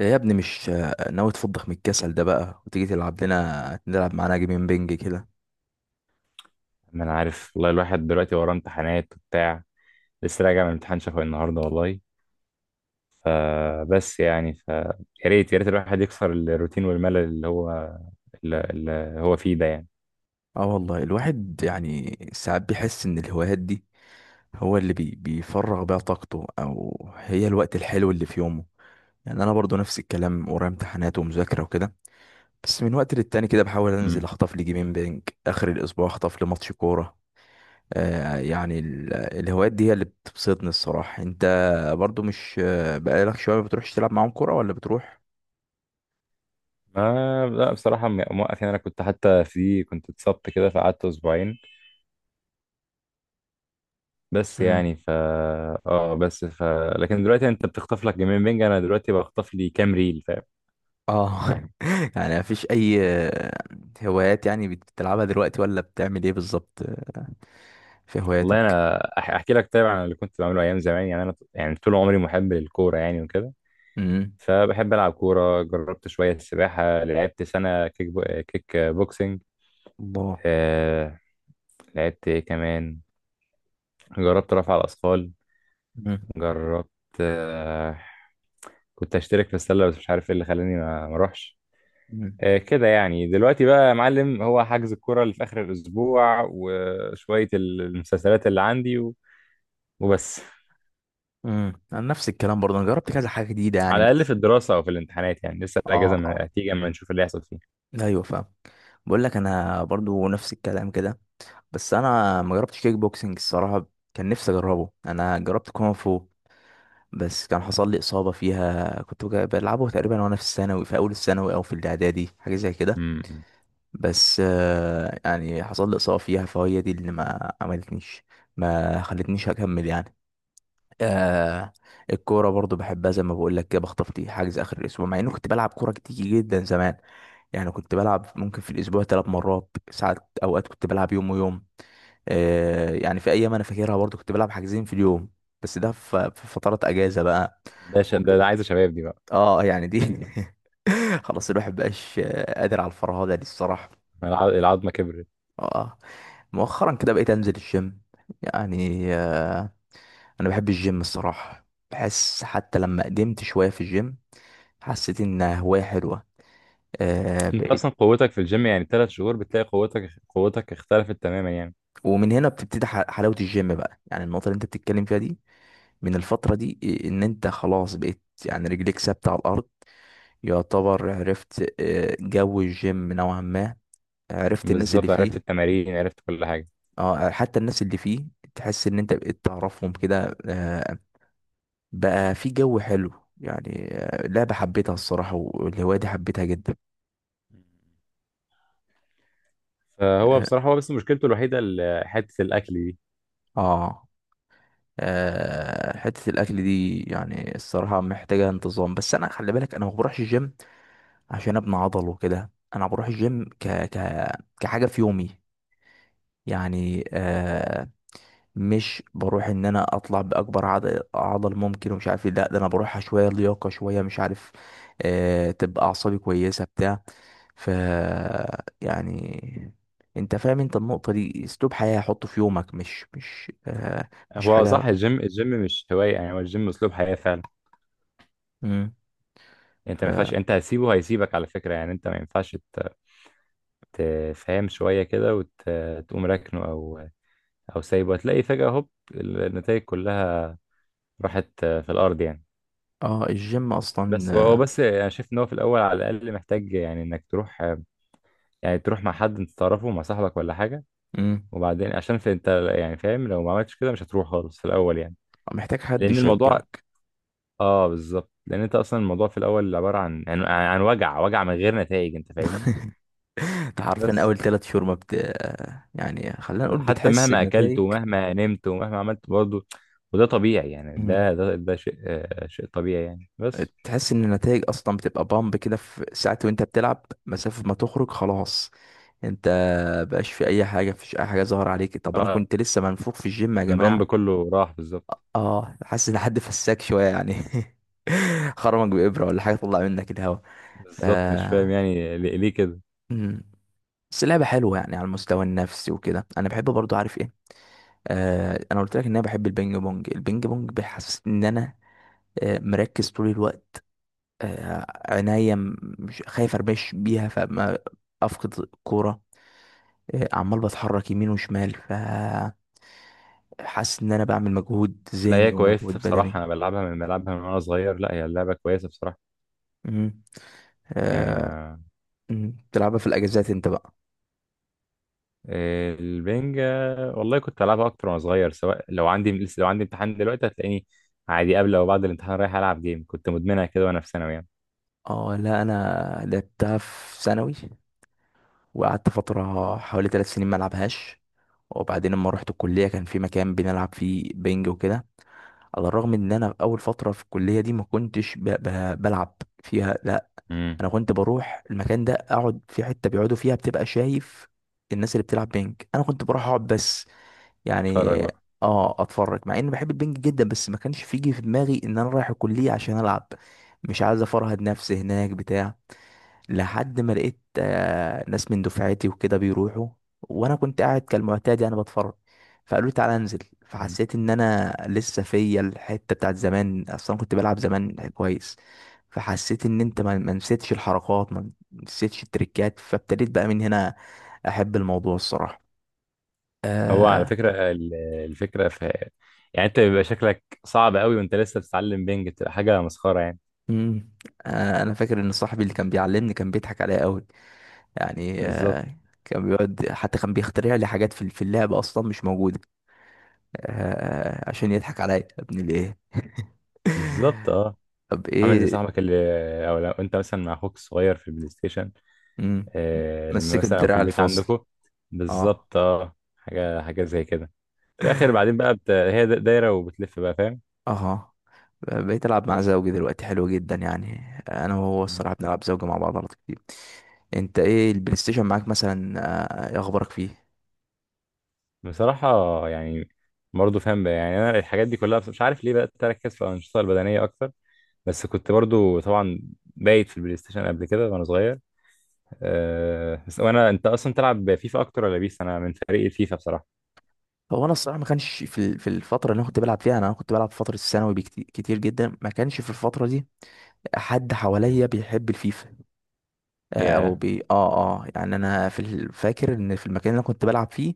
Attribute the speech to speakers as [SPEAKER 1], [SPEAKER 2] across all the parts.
[SPEAKER 1] يا ابني، مش ناوي تفضخ من الكسل ده بقى، وتيجي تلعب لنا نلعب معانا جيمين بينج كده؟
[SPEAKER 2] ما انا عارف والله، الواحد دلوقتي وراه امتحانات وبتاع. لسه راجع من امتحان شفوي النهارده والله. فبس يعني يا ريت يا ريت الواحد يكسر الروتين والملل اللي هو اللي هو فيه ده يعني.
[SPEAKER 1] اه والله، الواحد يعني ساعات بيحس ان الهوايات دي هو اللي بيفرغ بيها طاقته، او هي الوقت الحلو اللي في يومه. يعني انا برضو نفس الكلام، ورايا امتحانات ومذاكرة وكده. بس من وقت للتاني كده بحاول انزل
[SPEAKER 2] امم
[SPEAKER 1] اخطف لي جيمين بينج، اخر الاسبوع اخطف لي ماتش كورة. الهوايات دي هي اللي بتبسطني الصراحة. انت برضو مش، بقالك شوية ما بتروحش تلعب معاهم كورة ولا بتروح؟
[SPEAKER 2] ما لا بصراحه موقف يعني. انا كنت حتى كنت اتصبت كده فقعدت اسبوعين بس
[SPEAKER 1] مم.
[SPEAKER 2] يعني ف اه بس ف لكن دلوقتي انت بتخطف لك جيمين بينج، انا دلوقتي بخطف لي كام ريل، فاهم؟
[SPEAKER 1] اه. يعني مفيش اي هوايات يعني بتلعبها دلوقتي ولا بتعمل ايه بالظبط في
[SPEAKER 2] والله
[SPEAKER 1] هواياتك؟
[SPEAKER 2] انا احكي لك طيب عن اللي كنت بعمله ايام زمان. يعني انا طول عمري محب للكوره يعني وكده.
[SPEAKER 1] امم.
[SPEAKER 2] فبحب ألعب كورة، جربت شوية سباحة، لعبت سنة كيك بوكسينج.
[SPEAKER 1] الله.
[SPEAKER 2] آه... لعبت إيه كمان؟ جربت رفع الأثقال.
[SPEAKER 1] امم.
[SPEAKER 2] جربت. آه... كنت أشترك في السلة بس مش عارف إيه اللي خلاني ما أروحش.
[SPEAKER 1] امم.
[SPEAKER 2] آه كده يعني. دلوقتي بقى يا معلم، هو حجز الكورة اللي في آخر الأسبوع وشوية المسلسلات اللي عندي وبس.
[SPEAKER 1] امم. انا نفس الكلام برضه، انا جربت كذا حاجه جديده يعني
[SPEAKER 2] على الأقل
[SPEAKER 1] بس.
[SPEAKER 2] في الدراسة أو في الامتحانات يعني لسه
[SPEAKER 1] اه،
[SPEAKER 2] الأجازة
[SPEAKER 1] اه،
[SPEAKER 2] هتيجي، أما نشوف اللي هيحصل فيه.
[SPEAKER 1] ايوه فاهم. بقول لك انا برضو نفس الكلام كده. بس انا ما جربتش كيك بوكسنج الصراحه، كان نفسي اجربه. انا جربت كونغ فو، بس كان حصل لي اصابه فيها. كنت بلعبه تقريبا وانا في الثانوي، في اول الثانوي او في الاعدادي، حاجه زي كده.
[SPEAKER 2] مم.
[SPEAKER 1] بس يعني حصل لي إصابة فيها، فهي دي اللي ما عملتنيش، ما خلتنيش أكمل يعني. آه الكورة برضو بحبها، زي ما بقول لك كده، بخطف دي حجز آخر الأسبوع، مع إنه كنت بلعب كورة كتير جدا زمان. يعني كنت بلعب ممكن في الأسبوع 3 مرات، ساعات أوقات كنت بلعب يوم ويوم. يعني في أيام أنا فاكرها برضو كنت بلعب حجزين في اليوم، بس ده في فترات أجازة بقى، وكده.
[SPEAKER 2] ده عايز شباب دي بقى.
[SPEAKER 1] اه يعني دي، خلاص الواحد مبقاش قادر على الفرهدة دي الصراحة.
[SPEAKER 2] العظمة كبرت.
[SPEAKER 1] اه. مؤخرا كده بقيت انزل الجيم، يعني، انا بحب الجيم الصراحه. بحس حتى لما قدمت شويه في الجيم، حسيت انها هوايه حلوه،
[SPEAKER 2] انت
[SPEAKER 1] بقيت.
[SPEAKER 2] اصلا قوتك في الجيم يعني 3 شهور بتلاقي قوتك اختلفت تماما يعني.
[SPEAKER 1] ومن هنا بتبتدي حلاوه الجيم بقى، يعني النقطه اللي انت بتتكلم فيها دي، من الفتره دي ان انت خلاص بقيت يعني رجليك ثابته على الارض، يعتبر عرفت جو الجيم نوعا ما، عرفت الناس اللي
[SPEAKER 2] بالظبط، عرفت
[SPEAKER 1] فيه.
[SPEAKER 2] التمارين عرفت كل حاجه.
[SPEAKER 1] اه، حتى الناس اللي فيه تحس ان انت بقيت تعرفهم كده، بقى في جو حلو، يعني. لعبة حبيتها الصراحة، والهواية دي حبيتها جدا.
[SPEAKER 2] فهو
[SPEAKER 1] اه،
[SPEAKER 2] بصراحه، هو بس مشكلته الوحيده حته الاكل دي.
[SPEAKER 1] آه، آه، حتة الأكل دي يعني الصراحة محتاجة انتظام. بس أنا خلي بالك أنا ما بروحش الجيم عشان أبني عضل وكده، أنا بروح الجيم كحاجة في يومي. يعني، مش بروح ان انا اطلع باكبر عضل ممكن ومش عارف ايه، لا ده انا بروحها شويه لياقه شويه مش عارف، تبقى اعصابي كويسه بتاع، ف، يعني. انت فاهم، انت النقطه دي اسلوب حياه، حطه في يومك، مش مش
[SPEAKER 2] هو
[SPEAKER 1] حاجه.
[SPEAKER 2] صح، الجيم مش هوايه يعني، هو الجيم اسلوب حياه فعلا.
[SPEAKER 1] امم.
[SPEAKER 2] انت
[SPEAKER 1] ف.
[SPEAKER 2] ما ينفعش، انت هتسيبه هيسيبك على فكره يعني. انت ما ينفعش تفهم شويه كده وتقوم راكنه او سايبه، هتلاقي فجاه هوب النتائج كلها راحت في الارض يعني.
[SPEAKER 1] اه، الجيم اصلا،
[SPEAKER 2] بس هو هو بس انا شايف ان هو في الاول على الاقل محتاج، يعني انك تروح. يعني تروح مع حد انت تعرفه، مع صاحبك ولا حاجة.
[SPEAKER 1] امم.
[SPEAKER 2] وبعدين عشان في انت يعني فاهم لو ما عملتش كده مش هتروح خالص في الأول يعني.
[SPEAKER 1] محتاج حد
[SPEAKER 2] لأن الموضوع...
[SPEAKER 1] يشجعك.
[SPEAKER 2] اه بالظبط. لأن انت أصلا الموضوع في الأول عبارة عن وجع من غير نتائج، انت فاهمني؟
[SPEAKER 1] انت عارفين
[SPEAKER 2] بس
[SPEAKER 1] اول 3 شهور ما بت آه، يعني خلينا نقول
[SPEAKER 2] حتى
[SPEAKER 1] بتحس
[SPEAKER 2] مهما أكلت
[SPEAKER 1] بنتائج.
[SPEAKER 2] ومهما نمت ومهما عملت برضه. وده طبيعي يعني، ده شيء شيء طبيعي يعني، بس.
[SPEAKER 1] تحس ان النتائج اصلا بتبقى بامب كده في ساعات، وانت بتلعب مسافة ما تخرج خلاص، انت بقاش في اي حاجة، مفيش اي حاجة ظاهرة عليك. طب انا
[SPEAKER 2] اه،
[SPEAKER 1] كنت لسه منفوخ في الجيم يا
[SPEAKER 2] البامب
[SPEAKER 1] جماعة،
[SPEAKER 2] كله راح بالظبط.
[SPEAKER 1] اه، حاسس ان حد فساك شوية يعني. خرمك بإبرة ولا حاجة، طلع منك الهوا، ف.
[SPEAKER 2] بالظبط مش فاهم يعني ليه كده.
[SPEAKER 1] مم. بس اللعبة حلوة يعني على المستوى النفسي وكده. انا بحب برضو، عارف ايه، انا قلت لك ان انا بحب البينج بونج بيحسسني ان انا مركز طول الوقت، آه، عينيا مش خايف اربش بيها فما افقد الكوره، عمال بتحرك يمين وشمال، فحاسس ان انا بعمل مجهود
[SPEAKER 2] لا
[SPEAKER 1] ذهني
[SPEAKER 2] هي كويسة
[SPEAKER 1] ومجهود بدني.
[SPEAKER 2] بصراحة، أنا بلعبها من وأنا صغير. لا هي اللعبة كويسة بصراحة.
[SPEAKER 1] مم.
[SPEAKER 2] يعني
[SPEAKER 1] آه،
[SPEAKER 2] ما
[SPEAKER 1] مم. بتلعبها في الاجازات انت بقى؟
[SPEAKER 2] البنج. والله كنت بلعبها اكتر وانا صغير. سواء لو عندي امتحان دلوقتي هتلاقيني عادي قبل او بعد الامتحان رايح العب جيم. كنت مدمنها كده وانا في ثانوي يعني.
[SPEAKER 1] اه لا، انا لعبتها في ثانوي، وقعدت فتره حوالي 3 سنين ما العبهاش. وبعدين لما رحت الكليه كان في مكان بنلعب فيه بينج وكده، على الرغم ان انا في اول فتره في الكليه دي ما كنتش بلعب فيها، لا.
[SPEAKER 2] امم
[SPEAKER 1] انا كنت بروح المكان ده اقعد في حته بيقعدوا فيها، بتبقى شايف الناس اللي بتلعب بينج، انا كنت بروح اقعد بس يعني.
[SPEAKER 2] اتفرج بقى.
[SPEAKER 1] اه، اتفرج، مع اني بحب البينج جدا، بس ما كانش فيجي في دماغي ان انا رايح الكليه عشان العب، مش عايز افرهد نفسي هناك بتاع. لحد ما لقيت ناس من دفعتي وكده بيروحوا، وانا كنت قاعد كالمعتاد يعني بتفرج، فقالوا لي تعالى انزل.
[SPEAKER 2] مم.
[SPEAKER 1] فحسيت ان انا لسه فيا الحته بتاعت زمان، اصلا كنت بلعب زمان كويس. فحسيت ان انت ما نسيتش الحركات، ما نسيتش التريكات، فابتديت بقى من هنا احب الموضوع الصراحه،
[SPEAKER 2] هو على
[SPEAKER 1] آه
[SPEAKER 2] فكره الفكره في، يعني انت بيبقى شكلك صعب قوي وانت لسه بتتعلم بنج، بتبقى حاجه مسخره يعني.
[SPEAKER 1] مم. انا فاكر ان صاحبي اللي كان بيعلمني كان بيضحك عليا قوي، يعني،
[SPEAKER 2] بالظبط.
[SPEAKER 1] كان بيقعد حتى كان بيخترع لي حاجات في اللعبه اصلا مش موجوده، عشان يضحك عليا يا ابني ليه
[SPEAKER 2] بالظبط اه.
[SPEAKER 1] طب
[SPEAKER 2] عامل زي
[SPEAKER 1] ايه؟
[SPEAKER 2] صاحبك اللي، لو انت مثلا مع اخوك الصغير في البلاي ستيشن.
[SPEAKER 1] مم.
[SPEAKER 2] لما
[SPEAKER 1] مسكت
[SPEAKER 2] مثلا او في
[SPEAKER 1] الدراع
[SPEAKER 2] البيت
[SPEAKER 1] الفاصل.
[SPEAKER 2] عندكم.
[SPEAKER 1] اه،
[SPEAKER 2] بالظبط اه، حاجه زي كده. في الاخر بعدين بقى هي دايره وبتلف بقى فاهم؟
[SPEAKER 1] اه. بقيت العب مع
[SPEAKER 2] بس.
[SPEAKER 1] زوجي دلوقتي حلو جدا يعني، انا وهو
[SPEAKER 2] مم.
[SPEAKER 1] الصراحه بنلعب زوجي مع بعض على طول كتير. انت ايه البلاي ستيشن معاك مثلا؟ ايه اخبارك فيه؟
[SPEAKER 2] بصراحه، يعني برضه فاهم بقى، يعني انا الحاجات دي كلها بس مش عارف ليه بقى اركز في الانشطه البدنيه اكتر. بس كنت برضه طبعا بايت في البلاي ستيشن قبل كده وانا صغير. آه بس وانا انت اصلا تلعب فيفا اكتر ولا بيس؟ انا من فريق الفيفا بصراحه.
[SPEAKER 1] هو انا الصراحه ما كانش في الفتره اللي انا كنت بلعب فيها، انا كنت بلعب في فتره الثانوي بكتير كتير جدا. ما كانش في الفتره دي حد
[SPEAKER 2] مم.
[SPEAKER 1] حواليا بيحب الفيفا، آه، او
[SPEAKER 2] ياه.
[SPEAKER 1] بي اه اه يعني، انا فاكر ان في المكان اللي انا كنت بلعب فيه،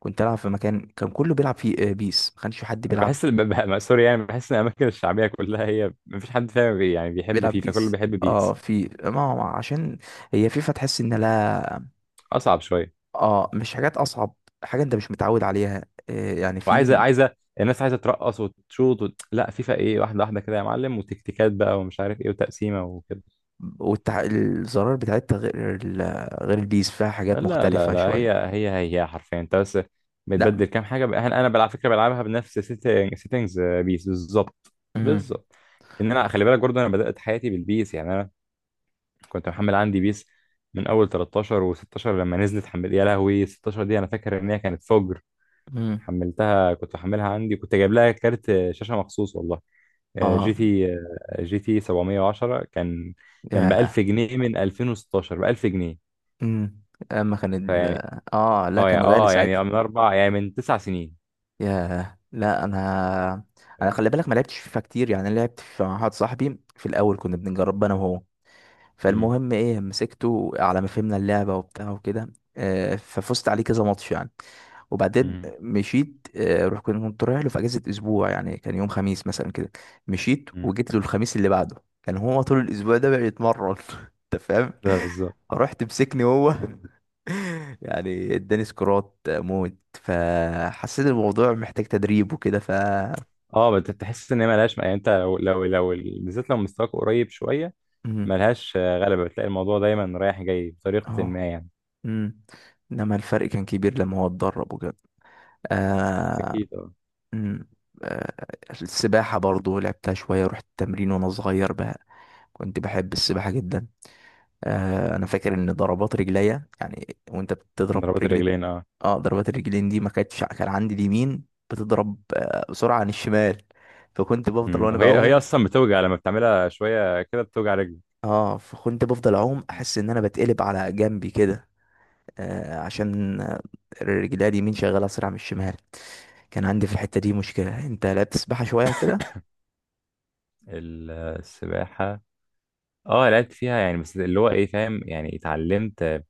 [SPEAKER 1] كنت العب في مكان كان كله بيلعب فيه بيس، ما كانش في حد
[SPEAKER 2] انا
[SPEAKER 1] بيلعب
[SPEAKER 2] بحس سوري يعني، بحس ان الاماكن الشعبيه كلها هي ما فيش حد فاهم بي يعني بيحب
[SPEAKER 1] بيلعب
[SPEAKER 2] فيفا، كله
[SPEAKER 1] بيس.
[SPEAKER 2] بيحب
[SPEAKER 1] اه،
[SPEAKER 2] بيس.
[SPEAKER 1] في، ما هو عشان هي فيفا، تحس ان، لا.
[SPEAKER 2] اصعب شويه.
[SPEAKER 1] اه، مش حاجات اصعب، حاجه انت مش متعود عليها، يعني.
[SPEAKER 2] وعايزه
[SPEAKER 1] في،
[SPEAKER 2] عايزه الناس عايزه ترقص وتشوط لا فيفا ايه، واحده واحده كده يا معلم، وتكتيكات بقى ومش عارف ايه وتقسيمه وكده.
[SPEAKER 1] الزرار بتاعتها غير غير البيس، فيها حاجات
[SPEAKER 2] لا لا
[SPEAKER 1] مختلفه
[SPEAKER 2] لا،
[SPEAKER 1] شويه.
[SPEAKER 2] هي حرفيا انت بس
[SPEAKER 1] لا.
[SPEAKER 2] بتبدل كام حاجه بقى. انا على فكره بلعبها بنفس سيتنجز بيس بالظبط.
[SPEAKER 1] امم.
[SPEAKER 2] بالظبط ان انا، خلي بالك برضه، انا بدات حياتي بالبيس. يعني انا كنت محمل عندي بيس من اول 13 و16. لما نزلت حمل يا لهوي، 16 دي انا فاكر ان هي كانت فجر.
[SPEAKER 1] امم.
[SPEAKER 2] حملتها، كنت محملها عندي، كنت جايب لها كارت شاشه مخصوص والله. آه، جي
[SPEAKER 1] اه
[SPEAKER 2] تي آه، جي تي 710 كان ب 1000
[SPEAKER 1] يا.
[SPEAKER 2] جنيه من 2016 ب 1000 جنيه.
[SPEAKER 1] امم. اما كان
[SPEAKER 2] فيعني
[SPEAKER 1] اه لا،
[SPEAKER 2] اه
[SPEAKER 1] كان
[SPEAKER 2] يا
[SPEAKER 1] غالي
[SPEAKER 2] اه
[SPEAKER 1] ساعتها.
[SPEAKER 2] يعني من اربع يعني من 9 سنين،
[SPEAKER 1] ياه، لا انا، انا
[SPEAKER 2] فاهم؟
[SPEAKER 1] خلي بالك ما لعبتش فيفا كتير يعني. أنا لعبت مع واحد صاحبي في الاول، كنا بنجرب انا وهو.
[SPEAKER 2] مم.
[SPEAKER 1] فالمهم ايه، مسكته، على ما فهمنا اللعبه وبتاع وكده، ففزت عليه كذا ماتش يعني. وبعدين
[SPEAKER 2] مم.
[SPEAKER 1] مشيت، آه، روح كنت رايح له في اجازه اسبوع، يعني كان يوم خميس مثلا كده. مشيت
[SPEAKER 2] مم.
[SPEAKER 1] وجيت له الخميس اللي بعده، كان هو طول الاسبوع ده بقى يتمرن انت فاهم،
[SPEAKER 2] ده بالظبط.
[SPEAKER 1] رحت مسكني هو يعني اداني سكرات موت، فحسيت الموضوع محتاج تدريب وكده، ف.
[SPEAKER 2] اه تحس ان هي ملهاش، يعني انت لو بالذات لو مستواك قريب شويه،
[SPEAKER 1] مم.
[SPEAKER 2] ملهاش غلبة. بتلاقي الموضوع دايما رايح جاي بطريقة ما
[SPEAKER 1] اه.
[SPEAKER 2] يعني.
[SPEAKER 1] مم. انما الفرق كان كبير لما هو اتدرب وكده. آه.
[SPEAKER 2] أكيد أه.
[SPEAKER 1] مم. آه. السباحة برضو لعبتها شوية، رحت التمرين وانا صغير بقى، كنت بحب السباحة جدا. انا فاكر ان ضربات رجليا، يعني وانت
[SPEAKER 2] من
[SPEAKER 1] بتضرب
[SPEAKER 2] ضربات
[SPEAKER 1] رجليك،
[SPEAKER 2] الرجلين أه.
[SPEAKER 1] اه، ضربات الرجلين دي ما كانتش، كان عندي اليمين بتضرب بسرعه عن الشمال، فكنت بفضل
[SPEAKER 2] أمم.
[SPEAKER 1] وانا
[SPEAKER 2] وهي
[SPEAKER 1] بعوم.
[SPEAKER 2] أصلا بتوجع لما بتعملها شوية كده بتوجع رجلي.
[SPEAKER 1] اه فكنت بفضل اعوم،
[SPEAKER 2] أمم.
[SPEAKER 1] احس ان انا بتقلب على جنبي كده، عشان رجلي اليمين شغاله اسرع من الشمال. كان عندي في الحته دي مشكله. انت لا بتسبحها شويه كده؟
[SPEAKER 2] السباحة أه لعبت فيها يعني، بس اللي هو إيه فاهم؟ يعني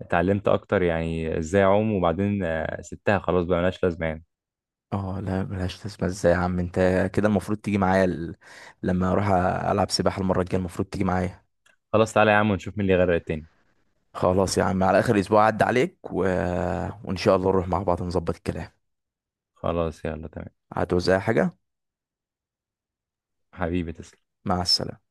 [SPEAKER 2] اتعلمت أكتر يعني إزاي أعوم، وبعدين سبتها خلاص بقى ملهاش لازمة يعني.
[SPEAKER 1] اه لا، ملهاش. تسبح ازاي يا عم انت؟ كده المفروض تيجي معايا لما اروح العب سباحه المره الجايه، المفروض تيجي معايا.
[SPEAKER 2] خلاص تعالى يا عم، ونشوف مين اللي غير التاني.
[SPEAKER 1] خلاص يا عم، على اخر اسبوع عدى عليك وان شاء الله نروح مع بعض، نظبط الكلام.
[SPEAKER 2] خلاص يلا تمام.
[SPEAKER 1] هتوزع حاجه؟
[SPEAKER 2] حبيبي تسلم.
[SPEAKER 1] مع السلامه.